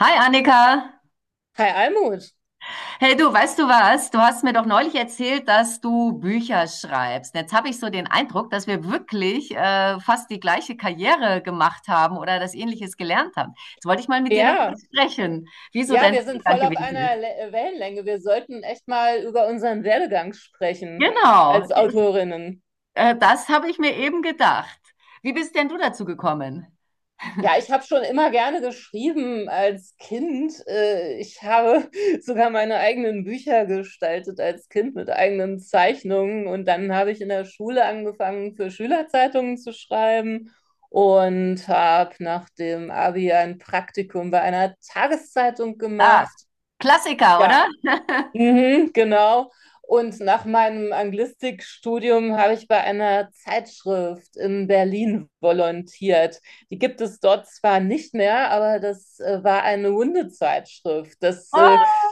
Hi Annika. Hi Almut. Hey du, weißt du was? Du hast mir doch neulich erzählt, dass du Bücher schreibst. Jetzt habe ich so den Eindruck, dass wir wirklich fast die gleiche Karriere gemacht haben oder das Ähnliches gelernt haben. Jetzt wollte ich mal mit dir darüber ja, sprechen, wie so ja, dein Wir sind Werdegang voll auf gewesen einer ist. Le Wellenlänge. Wir sollten echt mal über unseren Werdegang sprechen Genau, als Autorinnen. Das habe ich mir eben gedacht. Wie bist denn du dazu gekommen? Ja, ich habe schon immer gerne geschrieben als Kind. Ich habe sogar meine eigenen Bücher gestaltet als Kind mit eigenen Zeichnungen. Und dann habe ich in der Schule angefangen, für Schülerzeitungen zu schreiben und habe nach dem Abi ein Praktikum bei einer Tageszeitung Ah, gemacht. Klassiker, Ja, oder? mhm, genau. Und nach meinem Anglistikstudium habe ich bei einer Zeitschrift in Berlin volontiert. Die gibt es dort zwar nicht mehr, aber das war eine Hundezeitschrift. Oh,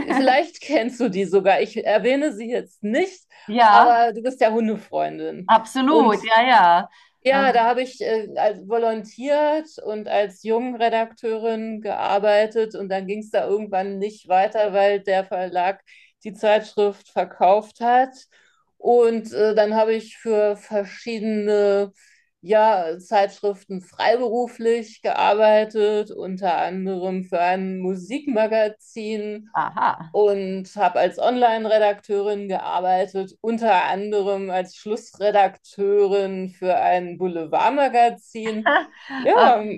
Vielleicht kennst du die sogar. Ich erwähne sie jetzt nicht, ja, aber du bist ja Hundefreundin. Und absolut, ja, ja. Äh, ja, da habe ich als volontiert und als Jungredakteurin gearbeitet, und dann ging es da irgendwann nicht weiter, weil der Verlag die Zeitschrift verkauft hat. Und dann habe ich für verschiedene ja, Zeitschriften freiberuflich gearbeitet, unter anderem für ein Musikmagazin, aha, und habe als Online-Redakteurin gearbeitet, unter anderem als Schlussredakteurin für ein Boulevardmagazin. Ja,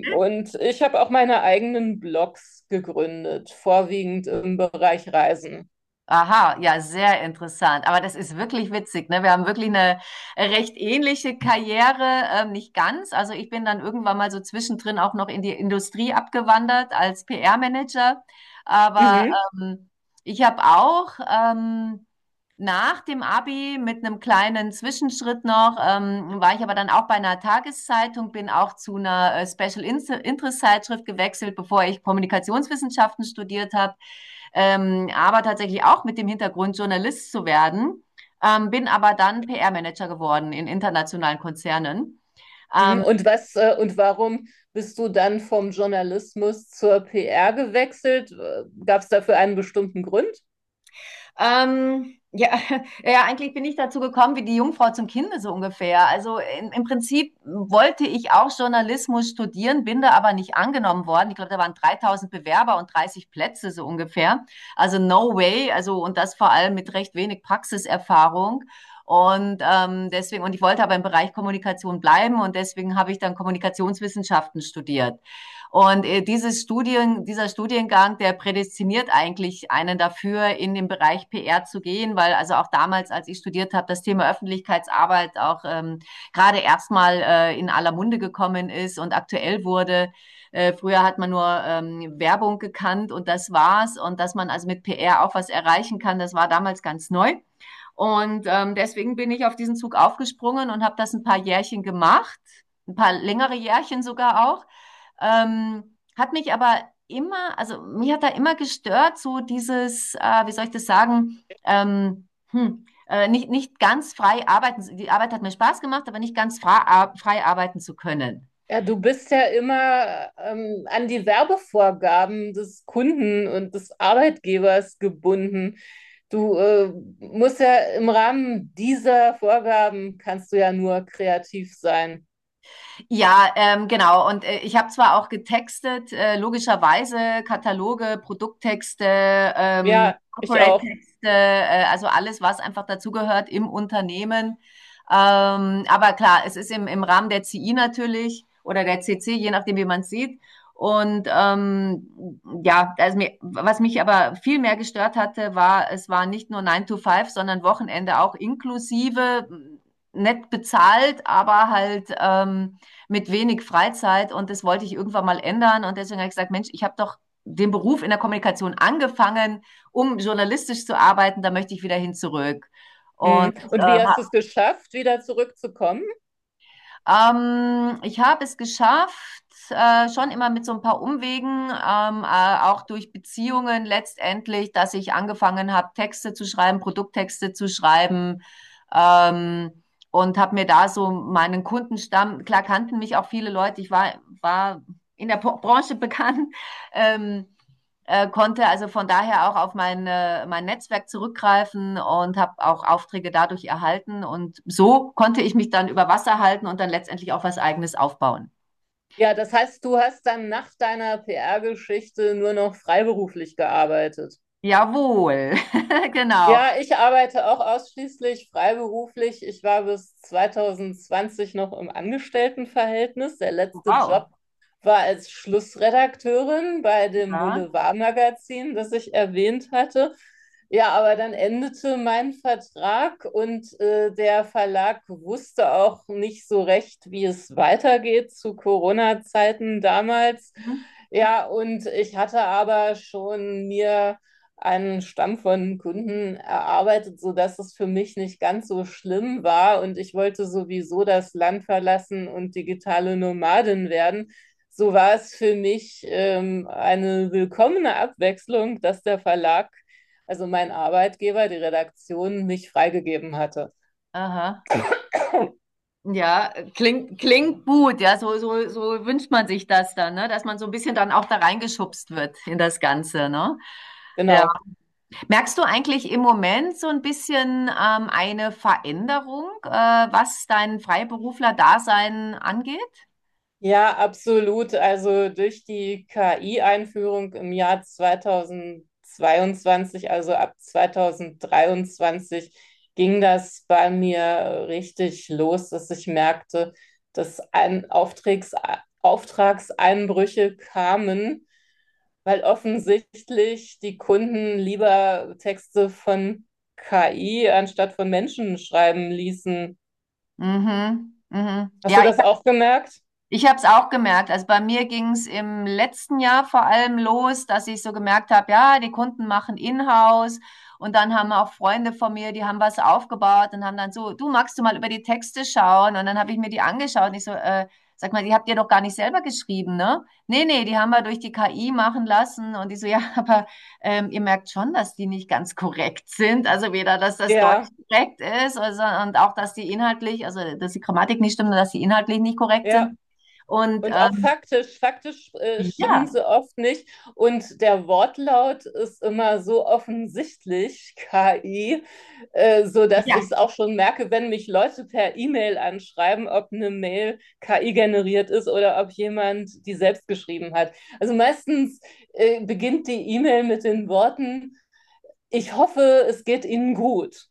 und ich habe auch meine eigenen Blogs gegründet, vorwiegend im Bereich Reisen. Aha, ja, sehr interessant. Aber das ist wirklich witzig, ne? Wir haben wirklich eine recht ähnliche Karriere, nicht ganz. Also ich bin dann irgendwann mal so zwischendrin auch noch in die Industrie abgewandert als PR-Manager. Aber Mhm. ähm, ich habe auch nach dem Abi mit einem kleinen Zwischenschritt noch, war ich aber dann auch bei einer Tageszeitung, bin auch zu einer Special Interest Zeitschrift gewechselt, bevor ich Kommunikationswissenschaften studiert habe, aber tatsächlich auch mit dem Hintergrund, Journalist zu werden, bin aber dann PR-Manager geworden in internationalen Konzernen. mhm. Ähm, Und was und warum bist du dann vom Journalismus zur PR gewechselt? Gab es dafür einen bestimmten Grund? Ja, ja, eigentlich bin ich dazu gekommen wie die Jungfrau zum Kinde so ungefähr. Also im Prinzip wollte ich auch Journalismus studieren, bin da aber nicht angenommen worden. Ich glaube, da waren 3.000 Bewerber und 30 Plätze so ungefähr. Also no way. Also und das vor allem mit recht wenig Praxiserfahrung. Und und ich wollte aber im Bereich Kommunikation bleiben und deswegen habe ich dann Kommunikationswissenschaften studiert. Und dieser Studiengang, der prädestiniert eigentlich einen dafür, in den Bereich PR zu gehen, weil also auch damals, als ich studiert habe, das Thema Öffentlichkeitsarbeit auch gerade erstmal in aller Munde gekommen ist und aktuell wurde. Früher hat man nur Werbung gekannt und das war's. Und dass man also mit PR auch was erreichen kann, das war damals ganz neu. Und deswegen bin ich auf diesen Zug aufgesprungen und habe das ein paar Jährchen gemacht, ein paar längere Jährchen sogar auch. Ähm, hat mich aber immer, also mich hat da immer gestört, so dieses, wie soll ich das sagen, nicht ganz frei arbeiten. Die Arbeit hat mir Spaß gemacht, aber nicht ganz frei arbeiten zu können. Ja, du bist ja immer an die Werbevorgaben des Kunden und des Arbeitgebers gebunden. Du musst ja im Rahmen dieser Vorgaben kannst du ja nur kreativ sein. Ja, genau. Und ich habe zwar auch getextet, logischerweise Kataloge, Produkttexte, Ja, ich auch. Corporate-Texte, also alles, was einfach dazugehört im Unternehmen. Aber klar, es ist im Rahmen der CI natürlich oder der CC, je nachdem, wie man es sieht. Und ja, also mir, was mich aber viel mehr gestört hatte, war, es war nicht nur 9 to 5, sondern Wochenende auch inklusive, nett bezahlt, aber halt mit wenig Freizeit und das wollte ich irgendwann mal ändern. Und deswegen habe ich gesagt, Mensch, ich habe doch den Beruf in der Kommunikation angefangen, um journalistisch zu arbeiten, da möchte ich wieder hin zurück. Und Hm. Und äh, wie hast du es geschafft, wieder zurückzukommen? Ich habe es geschafft, schon immer mit so ein paar Umwegen, auch durch Beziehungen letztendlich, dass ich angefangen habe, Texte zu schreiben, Produkttexte zu schreiben. Ähm, und habe mir da so meinen Kundenstamm, klar kannten mich auch viele Leute, war in der Branche bekannt. Ähm, konnte also von daher auch auf mein Netzwerk zurückgreifen und habe auch Aufträge dadurch erhalten. Und so konnte ich mich dann über Wasser halten und dann letztendlich auch was Eigenes aufbauen. Ja, das heißt, du hast dann nach deiner PR-Geschichte nur noch freiberuflich gearbeitet. Jawohl, genau. Ja, ich arbeite auch ausschließlich freiberuflich. Ich war bis 2020 noch im Angestelltenverhältnis. Der letzte Wow. Job war als Schlussredakteurin bei dem Ja. Boulevardmagazin, das ich erwähnt hatte. Ja, aber dann endete mein Vertrag und der Verlag wusste auch nicht so recht, wie es weitergeht zu Corona-Zeiten damals. Mhm. Ja, und ich hatte aber schon mir einen Stamm von Kunden erarbeitet, sodass es für mich nicht ganz so schlimm war. Und ich wollte sowieso das Land verlassen und digitale Nomadin werden, so war es für mich eine willkommene Abwechslung, dass der Verlag, also mein Arbeitgeber, die Redaktion, mich freigegeben hatte. Aha. Ja, klingt gut. So wünscht man sich das dann, ne? Dass man so ein bisschen dann auch da reingeschubst wird in das Ganze. Ne? Ja. Genau. Merkst du eigentlich im Moment so ein bisschen eine Veränderung, was dein Freiberufler-Dasein angeht? Ja, absolut. Also durch die KI-Einführung im Jahr 2022, also ab 2023, ging das bei mir richtig los, dass ich merkte, dass ein Auftragseinbrüche kamen, weil offensichtlich die Kunden lieber Texte von KI anstatt von Menschen schreiben ließen. Mhm, mhm. Hast du Ja, das auch gemerkt? ich habe es auch gemerkt. Also bei mir ging es im letzten Jahr vor allem los, dass ich so gemerkt habe, ja, die Kunden machen Inhouse und dann haben auch Freunde von mir, die haben was aufgebaut und haben dann so, du magst du mal über die Texte schauen? Und dann habe ich mir die angeschaut und ich so, sag mal, die habt ihr doch gar nicht selber geschrieben, ne? Nee, nee, die haben wir durch die KI machen lassen und die so, ja, aber ihr merkt schon, dass die nicht ganz korrekt sind. Also weder, dass das Deutsch Ja, korrekt ist also, und auch, dass die inhaltlich, also dass die Grammatik nicht stimmt und dass die inhaltlich nicht korrekt ja. sind. Und Und auch faktisch, faktisch stimmen ja, sie oft nicht. Und der Wortlaut ist immer so offensichtlich, KI, sodass ja, ich es auch schon merke, wenn mich Leute per E-Mail anschreiben, ob eine Mail KI generiert ist oder ob jemand die selbst geschrieben hat. Also meistens beginnt die E-Mail mit den Worten: ich hoffe, es geht Ihnen gut.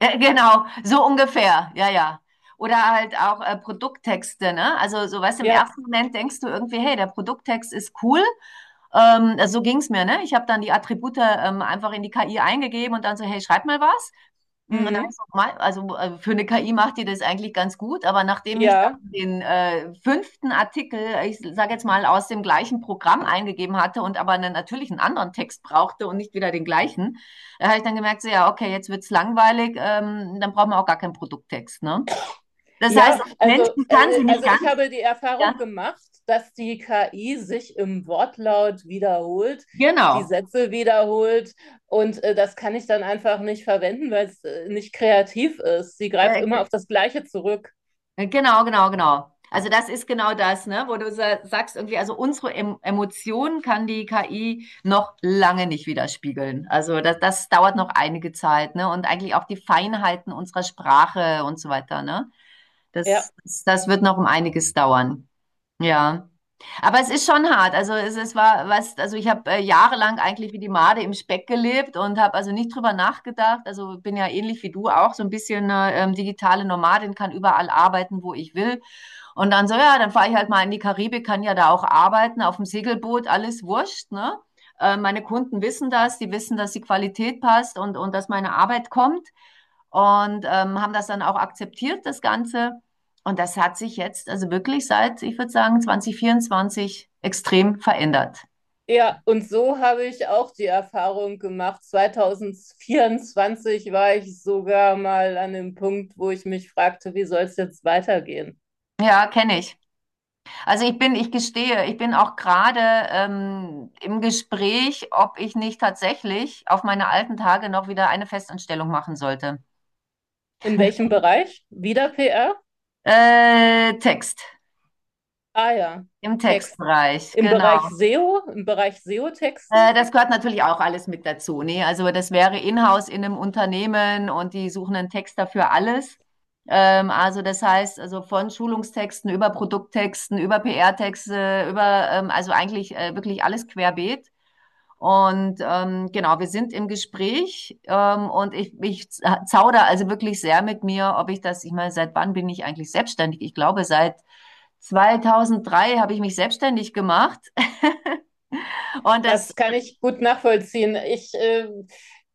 genau, so ungefähr, ja, ja. Oder halt auch Produkttexte, ne? Also so weißt du, im Ja, ersten Moment denkst du irgendwie, hey, der Produkttext ist cool. Also, so ging's mir, ne? Ich habe dann die Attribute einfach in die KI eingegeben und dann so, hey, schreib mal was. Hm, nein, mhm, ist normal. Also für eine KI macht die das eigentlich ganz gut, aber nachdem ich ja. dann den fünften Artikel, ich sage jetzt mal, aus dem gleichen Programm eingegeben hatte und aber einen, natürlich einen anderen Text brauchte und nicht wieder den gleichen, habe ich dann gemerkt, so ja, okay, jetzt wird's langweilig, dann brauchen wir auch gar keinen Produkttext, ne? Das heißt, Ja, als Menschen kann sie nicht also ich ganz, habe die Erfahrung ja, gemacht, dass die KI sich im Wortlaut wiederholt, die genau. Sätze wiederholt, und das kann ich dann einfach nicht verwenden, weil es nicht kreativ ist. Sie greift Äh, immer auf das Gleiche zurück. Genau, genau, genau. Also das ist genau das, ne, wo du sagst irgendwie, also unsere Emotionen kann die KI noch lange nicht widerspiegeln. Also das dauert noch einige Zeit, ne, und eigentlich auch die Feinheiten unserer Sprache und so weiter, ne. Ja. Das, das wird noch um einiges dauern. Ja. Aber es ist schon hart. Also es war was, also ich habe jahrelang eigentlich wie die Made im Speck gelebt und habe also nicht drüber nachgedacht. Also bin ja ähnlich wie du auch so ein bisschen digitale Nomadin, kann überall arbeiten, wo ich will. Und dann so, ja, dann fahre ich halt mal in die Karibik, kann ja da auch arbeiten, auf dem Segelboot, alles wurscht, ne? Meine Kunden wissen das, die wissen, dass die Qualität passt und dass meine Arbeit kommt und haben das dann auch akzeptiert, das Ganze. Und das hat sich jetzt, also wirklich seit, ich würde sagen, 2024 extrem verändert. Ja, und so habe ich auch die Erfahrung gemacht. 2024 war ich sogar mal an dem Punkt, wo ich mich fragte, wie soll es jetzt weitergehen? Ja, kenne ich. Also ich gestehe, ich bin auch gerade im Gespräch, ob ich nicht tatsächlich auf meine alten Tage noch wieder eine Festanstellung machen sollte. In welchem Bereich? Wieder PR? Äh, Text, Ah ja, im Texten. Textbereich, Im genau. Bereich SEO, im Bereich SEO-Texten, Das gehört natürlich auch alles mit dazu, ne? Also, das wäre in-house in einem Unternehmen und die suchen einen Texter für alles. Also, das heißt, also, von Schulungstexten über Produkttexten, über PR-Texte, also, eigentlich, wirklich alles querbeet. Und, genau, wir sind im Gespräch, und ich za zaudere also wirklich sehr mit mir, ob ich das ich meine, seit wann bin ich eigentlich selbstständig? Ich glaube, seit 2003 habe ich mich selbstständig gemacht und das das kann ich gut nachvollziehen. Ich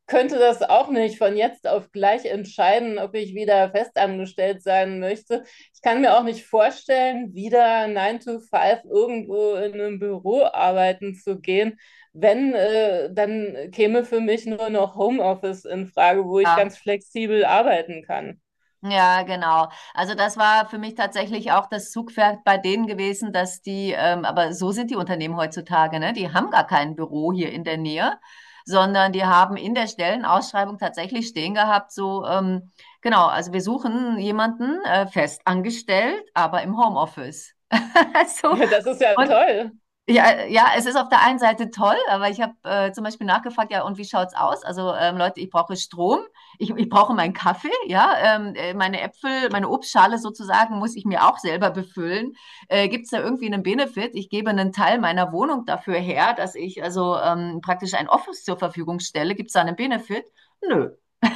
könnte das auch nicht von jetzt auf gleich entscheiden, ob ich wieder festangestellt sein möchte. Ich kann mir auch nicht vorstellen, wieder 9 to five irgendwo in einem Büro arbeiten zu gehen. Wenn, dann käme für mich nur noch Homeoffice in Frage, wo ich ja. ganz flexibel arbeiten kann. Ja, genau. Also das war für mich tatsächlich auch das Zugpferd bei denen gewesen, dass die, aber so sind die Unternehmen heutzutage, ne? Die haben gar kein Büro hier in der Nähe, sondern die haben in der Stellenausschreibung tatsächlich stehen gehabt, so, genau, also wir suchen jemanden fest angestellt, aber im Homeoffice. Also, Das ist ja und toll. ja, ja, es ist auf der einen Seite toll, aber ich habe zum Beispiel nachgefragt, ja, und wie schaut's aus? Also Leute, ich brauche Strom, ich brauche meinen Kaffee, ja, meine Äpfel, meine Obstschale sozusagen muss ich mir auch selber befüllen. Gibt's da irgendwie einen Benefit? Ich gebe einen Teil meiner Wohnung dafür her, dass ich also praktisch ein Office zur Verfügung stelle. Gibt's da einen Benefit? Nö.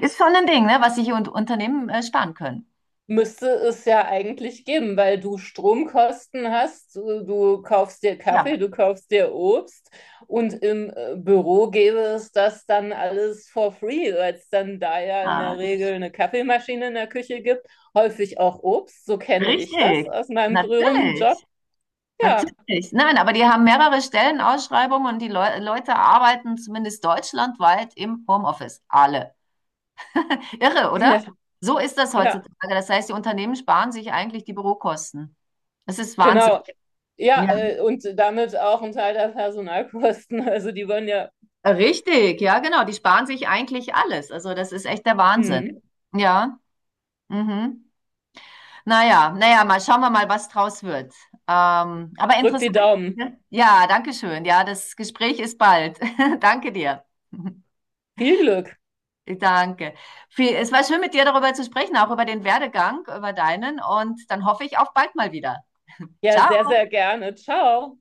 Ist schon ein Ding, ne, was sich und Unternehmen sparen können. Müsste es ja eigentlich geben, weil du Stromkosten hast, du kaufst dir Ja, Kaffee, du kaufst dir Obst, und im Büro gäbe es das dann alles for free, weil es dann da ja in ah, der die- Regel eine Kaffeemaschine in der Küche gibt, häufig auch Obst, so kenne ich das richtig, aus meinem früheren natürlich. Job. Ja, Natürlich. Nein, aber die haben mehrere Stellenausschreibungen und die Leute arbeiten zumindest deutschlandweit im Homeoffice. Alle. Irre, oder? ja, So ist das ja, heutzutage. Das heißt, die Unternehmen sparen sich eigentlich die Bürokosten. Das ist Wahnsinn. genau. Ja, Ja. Und damit auch ein Teil der Personalkosten. Also die wollen ja, Richtig, ja, genau. Die sparen sich eigentlich alles. Also das ist echt der Wahnsinn. hm, Ja. Mhm. Naja, naja, mal schauen wir mal, was draus wird. Aber drück die interessant. Daumen. Ne? Ja, danke schön. Ja, das Gespräch ist bald. Danke dir. Viel Glück. Danke. Viel- Es war schön, mit dir darüber zu sprechen, auch über den Werdegang, über deinen. Und dann hoffe ich auf bald mal wieder. Ja, sehr, Ciao. sehr gerne. Ciao.